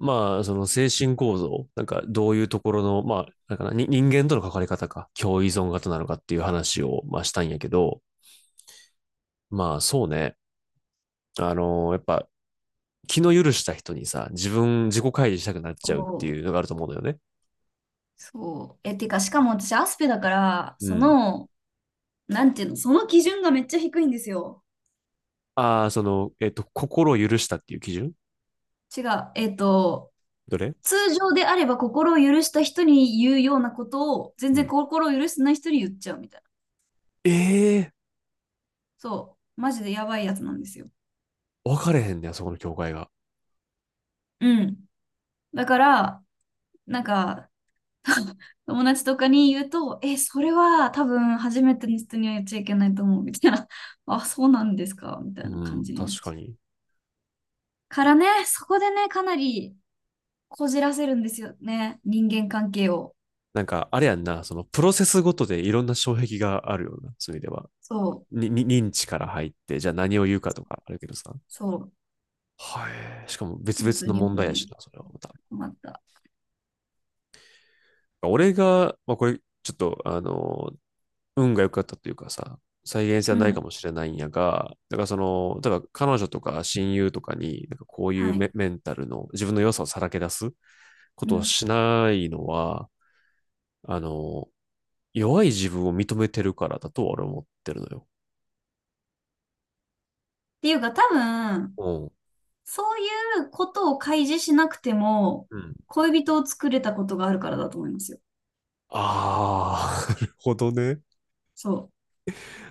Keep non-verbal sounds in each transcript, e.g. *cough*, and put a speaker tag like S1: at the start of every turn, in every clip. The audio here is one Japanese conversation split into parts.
S1: まあ、その精神構造、なんかどういうところの、まあ、なんかな、に人間との関わり方か、共依存型なのかっていう話を、まあ、したんやけど、まあ、そうね。やっぱ、気の許した人にさ、自分、自己開示したくなっちゃうって
S2: そう。
S1: いうのがあると思うのよね。
S2: そうえ、てか、しかも私、アスペだから、
S1: う
S2: そ
S1: ん。
S2: の、なんていうの、その基準がめっちゃ低いんですよ。
S1: ああ、その、心を許したっていう基準。
S2: 違う。えっと、
S1: どれ
S2: 通常であれば心を許した人に言うようなことを、全
S1: う
S2: 然
S1: ん。
S2: 心を許してない人に言っちゃうみたいな。
S1: ええー
S2: そう。マジでやばいやつなんですよ。
S1: 分かれへんねや、そこの境界が。
S2: うん。だから、なんか、友達とかに言うと、え、それは多分初めての人には言っちゃいけないと思う、みたいな。*laughs* あ、そうなんですか、みた
S1: う
S2: いな感
S1: ん、
S2: じになっ
S1: 確
S2: ち
S1: か
S2: ゃう。
S1: に。
S2: からね、そこでね、かなり、こじらせるんですよね。人間関係を。
S1: なんか、あれやんな、その、プロセスごとでいろんな障壁があるような、そういう意味では。
S2: そう。
S1: に認知から入って、じゃあ何を言うかとかあるけどさ。
S2: そう。
S1: はい。しかも別々
S2: 本当
S1: の
S2: に良
S1: 問
S2: く
S1: 題
S2: な
S1: や
S2: い。
S1: しな、それはまた。
S2: 困った。
S1: 俺が、まあこれ、ちょっと、運が良かったというかさ、再現性は
S2: う
S1: ないか
S2: ん。
S1: もしれないんやが、だからその、例えば彼女とか親友とかに、なんかこういう
S2: はい。
S1: メンタルの自分の良さをさらけ出すこ
S2: う
S1: とを
S2: ん。っ
S1: しないのは、あの、弱い自分を認めてるからだと俺は思ってるのよ。
S2: ていうか、多分、
S1: うん。
S2: そういうことを開示しなくても、
S1: うん。
S2: 恋人を作れたことがあるからだと思いますよ。
S1: ああ、*laughs* なるほどね。
S2: そう。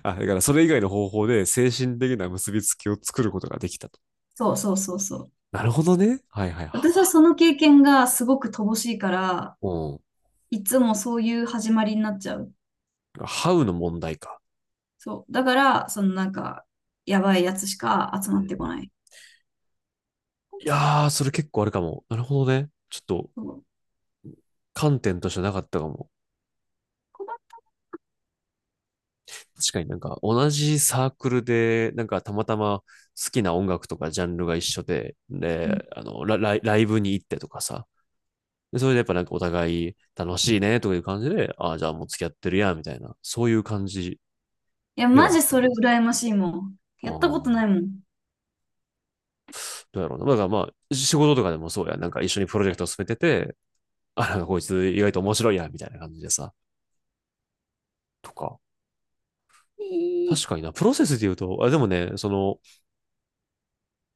S1: あ、だからそれ以外の方法で精神的な結びつきを作ることができたと。
S2: そうそうそうそう。
S1: なるほどね。はいはいは。
S2: 私はその経験がすごく乏しいから、
S1: うん。
S2: いつもそういう始まりになっちゃう。
S1: ハウの問題か。
S2: そう。だから、やばいやつしか集
S1: う
S2: ま
S1: ん。
S2: っ
S1: い
S2: てこない。
S1: やー、それ結構あるかも。なるほどね。ちょっと
S2: そう。
S1: 観点としてなかったかも。
S2: 困っ
S1: 確かになんか同じサークルで、なんかたまたま好きな音楽とかジャンルが一緒で、
S2: た。
S1: で、あの、ライブに行ってとかさ。で、それでやっぱなんかお互い楽しいねとかいう感じで、ああ、じゃあもう付き合ってるや、みたいな、そういう感じ
S2: いや、
S1: で
S2: マ
S1: はあっ
S2: ジ
S1: た
S2: そ
S1: な。
S2: れ羨ましいもん。
S1: あ
S2: やったことない
S1: ー
S2: もん。
S1: どうやろうな。だからまあ、仕事とかでもそうや。なんか一緒にプロジェクトを進めてて、あ、なんかこいつ意外と面白いや、みたいな感じでさ、とか。
S2: い
S1: 確
S2: い。
S1: かにな、プロセスで言うと、あ、でもね、その、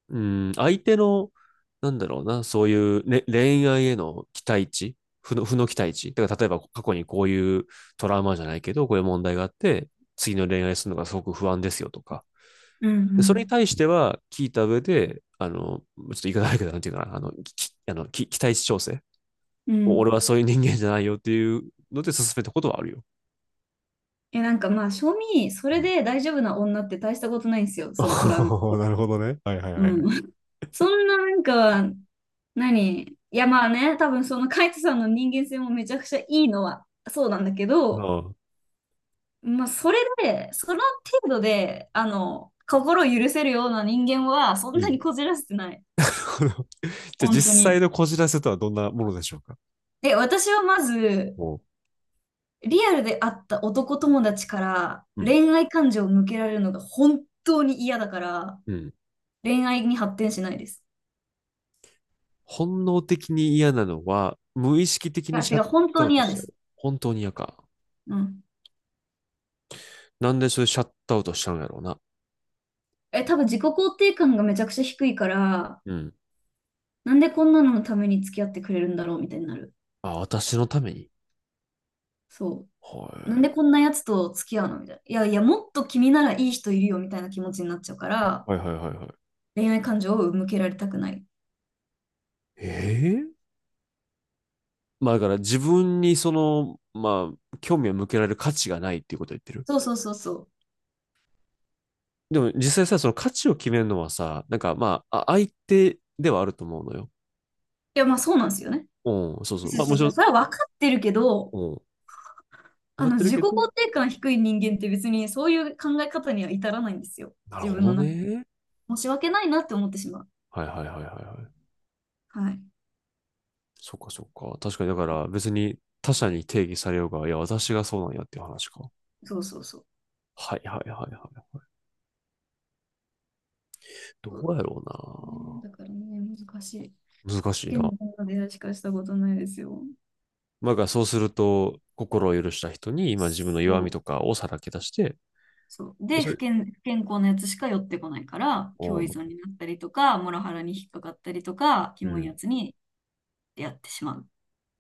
S1: うん、相手の、なんだろうな、そういう、ね、恋愛への期待値。負の期待値。だから例えば過去にこういうトラウマじゃないけど、こういう問題があって、次の恋愛するのがすごく不安ですよとか。
S2: う
S1: それに
S2: ん
S1: 対しては聞いた上で、あの、ちょっと言い方悪いけど、なんていうかな、あの、きあのき期待値調整。
S2: うん。う
S1: 俺
S2: ん。
S1: はそういう人間じゃないよっていうので進めたことはあるよ。
S2: え、正味、そ
S1: う
S2: れ
S1: ん。
S2: で大丈夫な女って大したことないんですよ、そのトラウマっ
S1: *laughs*
S2: て。
S1: なるほどね。はいはいは
S2: う
S1: いはい。
S2: ん。*laughs* そんななんか、何いやまあね、多分そのカイトさんの人間性もめちゃくちゃいいのはそうなんだけど、
S1: ああ、
S2: まあそれで、その程度で、心を許せるような人間はそん
S1: う
S2: な
S1: ん。
S2: にこじらせてない。
S1: *laughs* じゃあ実
S2: 本当
S1: 際
S2: に。
S1: のこじらせとはどんなものでしょうか。
S2: え、私はまず、
S1: も
S2: リアルで会った男友達から
S1: うん。
S2: 恋愛感情を向けられるのが本当に嫌だから、
S1: うん。
S2: 恋愛に発展しないです。
S1: 本能的に嫌なのは、無意識的
S2: い
S1: に
S2: や、
S1: シ
S2: て
S1: ャ
S2: か
S1: ッ
S2: 本
S1: ト
S2: 当
S1: アウ
S2: に
S1: ト
S2: 嫌
S1: し
S2: で
S1: ちゃ
S2: す。
S1: う。本当に嫌か。
S2: うん。
S1: なんでそれシャットアウトしちゃうんやろうな。
S2: え、多分自己肯定感がめちゃくちゃ低いから、
S1: うん。
S2: なんでこんなののために付き合ってくれるんだろうみたいになる。
S1: あ、私のために。
S2: そう。なんで
S1: は
S2: こんなやつと付き合うのみたいな。いやいや、もっと君ならいい人いるよみたいな気持ちになっちゃうか
S1: い。
S2: ら、
S1: はいはいはいはい。
S2: 恋愛感情を向けられたくない。
S1: ええー、まあだから自分にその、まあ、興味を向けられる価値がないっていうことを言ってる。
S2: そうそうそうそう。
S1: でも実際さ、その価値を決めるのはさ、なんかまあ、相手ではあると思うのよ。
S2: いや、まあそうなんですよね。
S1: うん、そうそう。
S2: そ
S1: まあ
S2: そ
S1: もち
S2: そ
S1: ろん、
S2: それは分かってるけど、
S1: うん、分かってる
S2: 自
S1: け
S2: 己肯
S1: ど、
S2: 定感低い人間って別にそういう考え方には至らないんですよ。
S1: なる
S2: 自分の
S1: ほど
S2: 中で。
S1: ね。
S2: 申し訳ないなって思ってしまう。
S1: はいはいはいはいはい。
S2: はい。
S1: そっかそっか。確かに、だから別に他者に定義されようが、いや、私がそうなんやっていう話か。
S2: そうそうそう。
S1: はいはいはいはい。ど
S2: そ
S1: うやろ
S2: うんだからね、難しい。
S1: うな。難
S2: 不
S1: しい
S2: 健
S1: な。
S2: 康な出会いしかしたことないですよ。
S1: まあ、だからそうすると、心を許した人に今自分の
S2: そ
S1: 弱み
S2: う。
S1: とかをさらけ出して、
S2: そう。
S1: で
S2: で、
S1: それ、
S2: 不健康なやつしか寄ってこないから、
S1: う
S2: 共依
S1: ん、
S2: 存になったりとか、モラハラに引っかかったりとか、キ
S1: う
S2: モい
S1: ん、
S2: やつに出会ってしまう。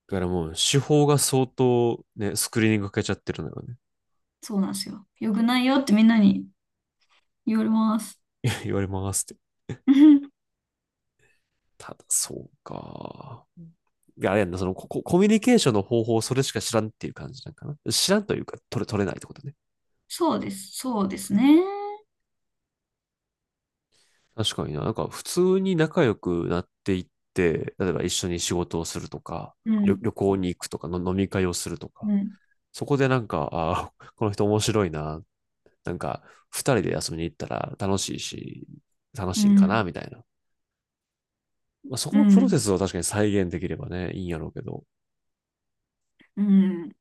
S1: だからもう手法が相当ね、スクリーニングかけちゃってるのよね。
S2: そうなんですよ。よくないよってみんなに言われます。
S1: *laughs* 言われますって。
S2: *laughs*
S1: ただ、そうか。いや、あれやんな、そのコミュニケーションの方法をそれしか知らんっていう感じなんかな。知らんというか、取れないってことね。
S2: そうです。そうですね。
S1: 確かにな。なんか、普通に仲良くなっていって、例えば一緒に仕事をするとか、
S2: う
S1: 旅、
S2: ん。
S1: 旅行に行くとかの、飲み会をするとか、
S2: うん、
S1: そこでなんか、ああ、*laughs* この人面白いな。なんか、二人で遊びに行ったら楽しいし、楽
S2: う
S1: しいんかな、
S2: ん、
S1: みたいな。まあ、そ
S2: う
S1: このプロ
S2: ん、
S1: セスを確かに再現できればね、いいんやろうけど、
S2: うん、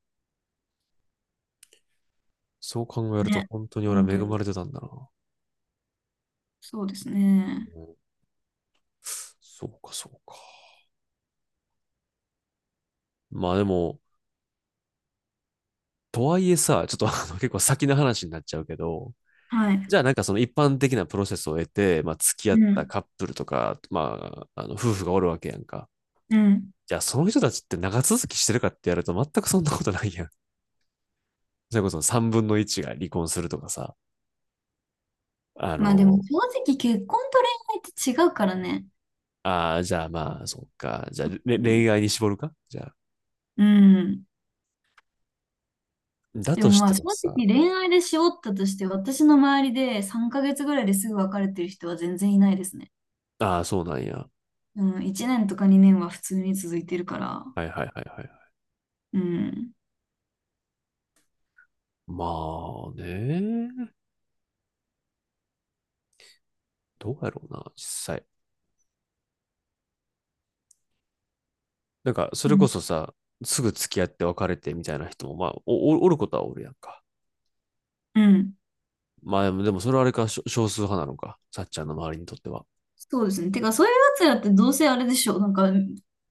S1: そう考えると
S2: ね、
S1: 本当に俺
S2: 本
S1: は恵
S2: 当
S1: ま
S2: に、
S1: れてたんだな。
S2: そうですね。
S1: うん、そうか、そうか。まあでも、とはいえさ、ちょっと結構先の話になっちゃうけど、
S2: は
S1: じ
S2: い、
S1: ゃあなんかその一般的なプロセスを得て、まあ付き合っ
S2: う
S1: た
S2: ん、
S1: カップルとか、まあ、あの夫婦がおるわけやんか。
S2: うん。
S1: じゃあその人たちって長続きしてるかってやると全くそんなことないやん。それこそ3分の1が離婚するとかさ、あ
S2: まあでも、
S1: の、
S2: 正直結婚と恋愛って違うからね。
S1: ああ、じゃあまあ、そっか。じゃあ、
S2: うん、
S1: 恋愛に絞るかじゃあ、
S2: うん。
S1: だ
S2: で
S1: と
S2: も
S1: し
S2: ま
S1: て
S2: あ、正
S1: もさ、
S2: 直恋愛でしおったとして、私の周りで3ヶ月ぐらいですぐ別れてる人は全然いないですね。
S1: ああ、そうなんや。
S2: うん、1年とか2年は普通に続いてるから。
S1: はいはいはいはい。
S2: うん、
S1: まあね、どうやろうな、実際。なんか、そ
S2: う
S1: れこ
S2: ん、
S1: そさ、すぐ付き合って別れてみたいな人も、まあ、おおることはおるやんか。
S2: うん。
S1: まあ、でもそれはあれか、少数派なのか。さっちゃんの周りにとっては。
S2: そうですね。てか、そういうやつらってどうせあれでしょう。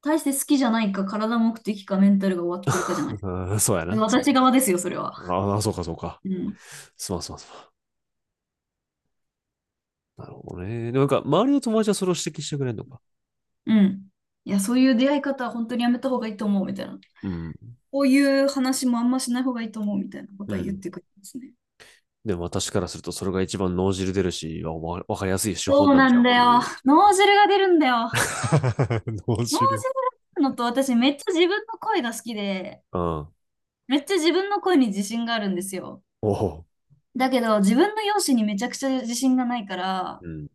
S2: 大して好きじゃないか、体目的か、メンタルが終わってるかじゃない。
S1: *laughs* うん、そうやな。そう
S2: 私側ですよ、それは。
S1: やな、ああ、そうかそうか。
S2: うん。
S1: すまんすまんすまん。なるほどね。でもなんか、周りの友達はそれを指摘してくれんのか。
S2: うん。いや、そういう出会い方は本当にやめた方がいいと思う、みたいな。
S1: うん。
S2: こういう話もあんましない方がいいと思う、みたいなこ
S1: う
S2: とは言っ
S1: ん。
S2: てくるんですね。
S1: でも私からすると、それが一番脳汁出るし、わかりやすい手
S2: そ
S1: 法
S2: う
S1: なん
S2: な
S1: じゃ
S2: ん
S1: っ
S2: だ
S1: てい
S2: よ。
S1: う。
S2: 脳汁が出るんだよ。
S1: *laughs* 脳
S2: 脳汁
S1: 汁。
S2: が出るのと、私めっちゃ自分の声が好きで、
S1: うん。
S2: めっちゃ自分の声に自信があるんですよ。
S1: おお、
S2: だけど、自分の容姿にめちゃくちゃ自信がないから、
S1: うん。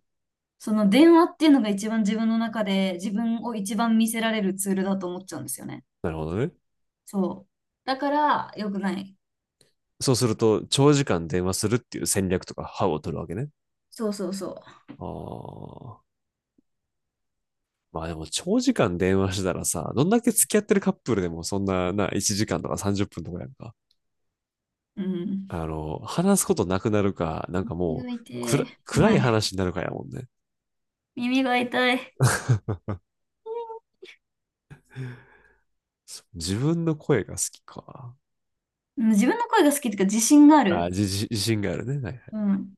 S2: その電話っていうのが一番自分の中で自分を一番見せられるツールだと思っちゃうんですよね。
S1: なるほどね。
S2: そう。だから良くない。
S1: そうすると、長時間電話するっていう戦略とか、歯を取るわけね。
S2: そうそうそ
S1: ああ。まあでも、長時間電話してたらさ、どんだけ付き合ってるカップルでも、そんな、1時間とか30分とかやんか。
S2: う。うん。
S1: あの、話すことなくなるか、なんか
S2: 耳
S1: も
S2: が
S1: う、
S2: 痛い。
S1: 暗い
S2: はい。
S1: 話になるかやもんね。
S2: 耳が痛い。
S1: 自分の声が好きか。
S2: うん、自分の声が好きっていうか自信があ
S1: あ、
S2: る。
S1: 自信があるね。はいはい。
S2: うん。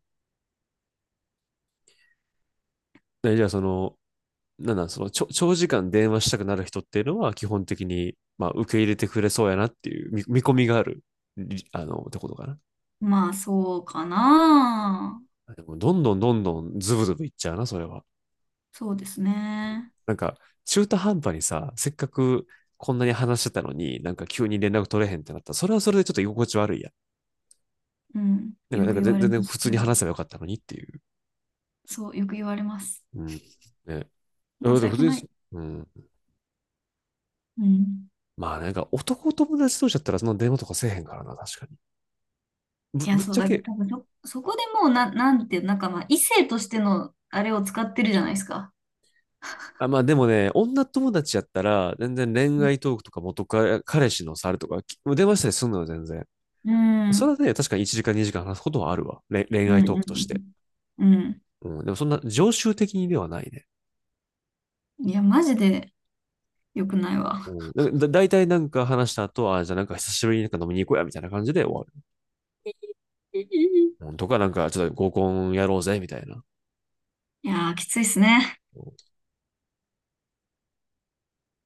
S1: じゃあ、その、なんなん、その、長時間電話したくなる人っていうのは、基本的に、まあ、受け入れてくれそうやなっていう見込みがある、ってことかな。
S2: まあそうかな。
S1: でも、どんどんどんどんズブズブいっちゃうな、それは。
S2: そうですね。
S1: なんか、中途半端にさ、せっかくこんなに話してたのに、なんか急に連絡取れへんってなったら、それはそれでちょっと居心地悪いや
S2: うん。
S1: なんか、
S2: よ
S1: なん
S2: く
S1: か
S2: 言わ
S1: 全
S2: れ
S1: 全
S2: ま
S1: 然普
S2: す。そ
S1: 通
S2: れ
S1: に
S2: は。
S1: 話せばよかったのにっていう。
S2: そう、よく言われます。
S1: うん。ね。
S2: 申し
S1: 普
S2: 訳
S1: 通
S2: ない。
S1: に。うん。
S2: うん。
S1: まあ、なんか男友達同士だったらその電話とかせえへんからな、確かに。ぶ、
S2: いや、
S1: ぶっ
S2: そ
S1: ち
S2: う
S1: ゃ
S2: だ、
S1: け、
S2: 多分そ、そこでもうな、なんていう、なんかまあ、異性としてのあれを使ってるじゃないですか。
S1: あ、まあでもね、女友達やったら、全然恋愛トークとか元カ彼氏のさるとか、電話したりするのよ、全然。
S2: うん、う
S1: そ
S2: ん、
S1: れはね、確かに1時間2時間話すことはあるわ。恋
S2: う
S1: 愛トークとして。
S2: ん、うん。うん、
S1: うん。でもそんな常習的にではないね。
S2: いや、マジで良くないわ。
S1: うん。だいたいなんか話した後は、じゃあなんか久しぶりになんか飲みに行こうや、みたいな感じで終わる。
S2: *laughs* い
S1: うん、とかなんかちょっと合コンやろうぜ、みたいな。
S2: やー、きついっすね。
S1: うん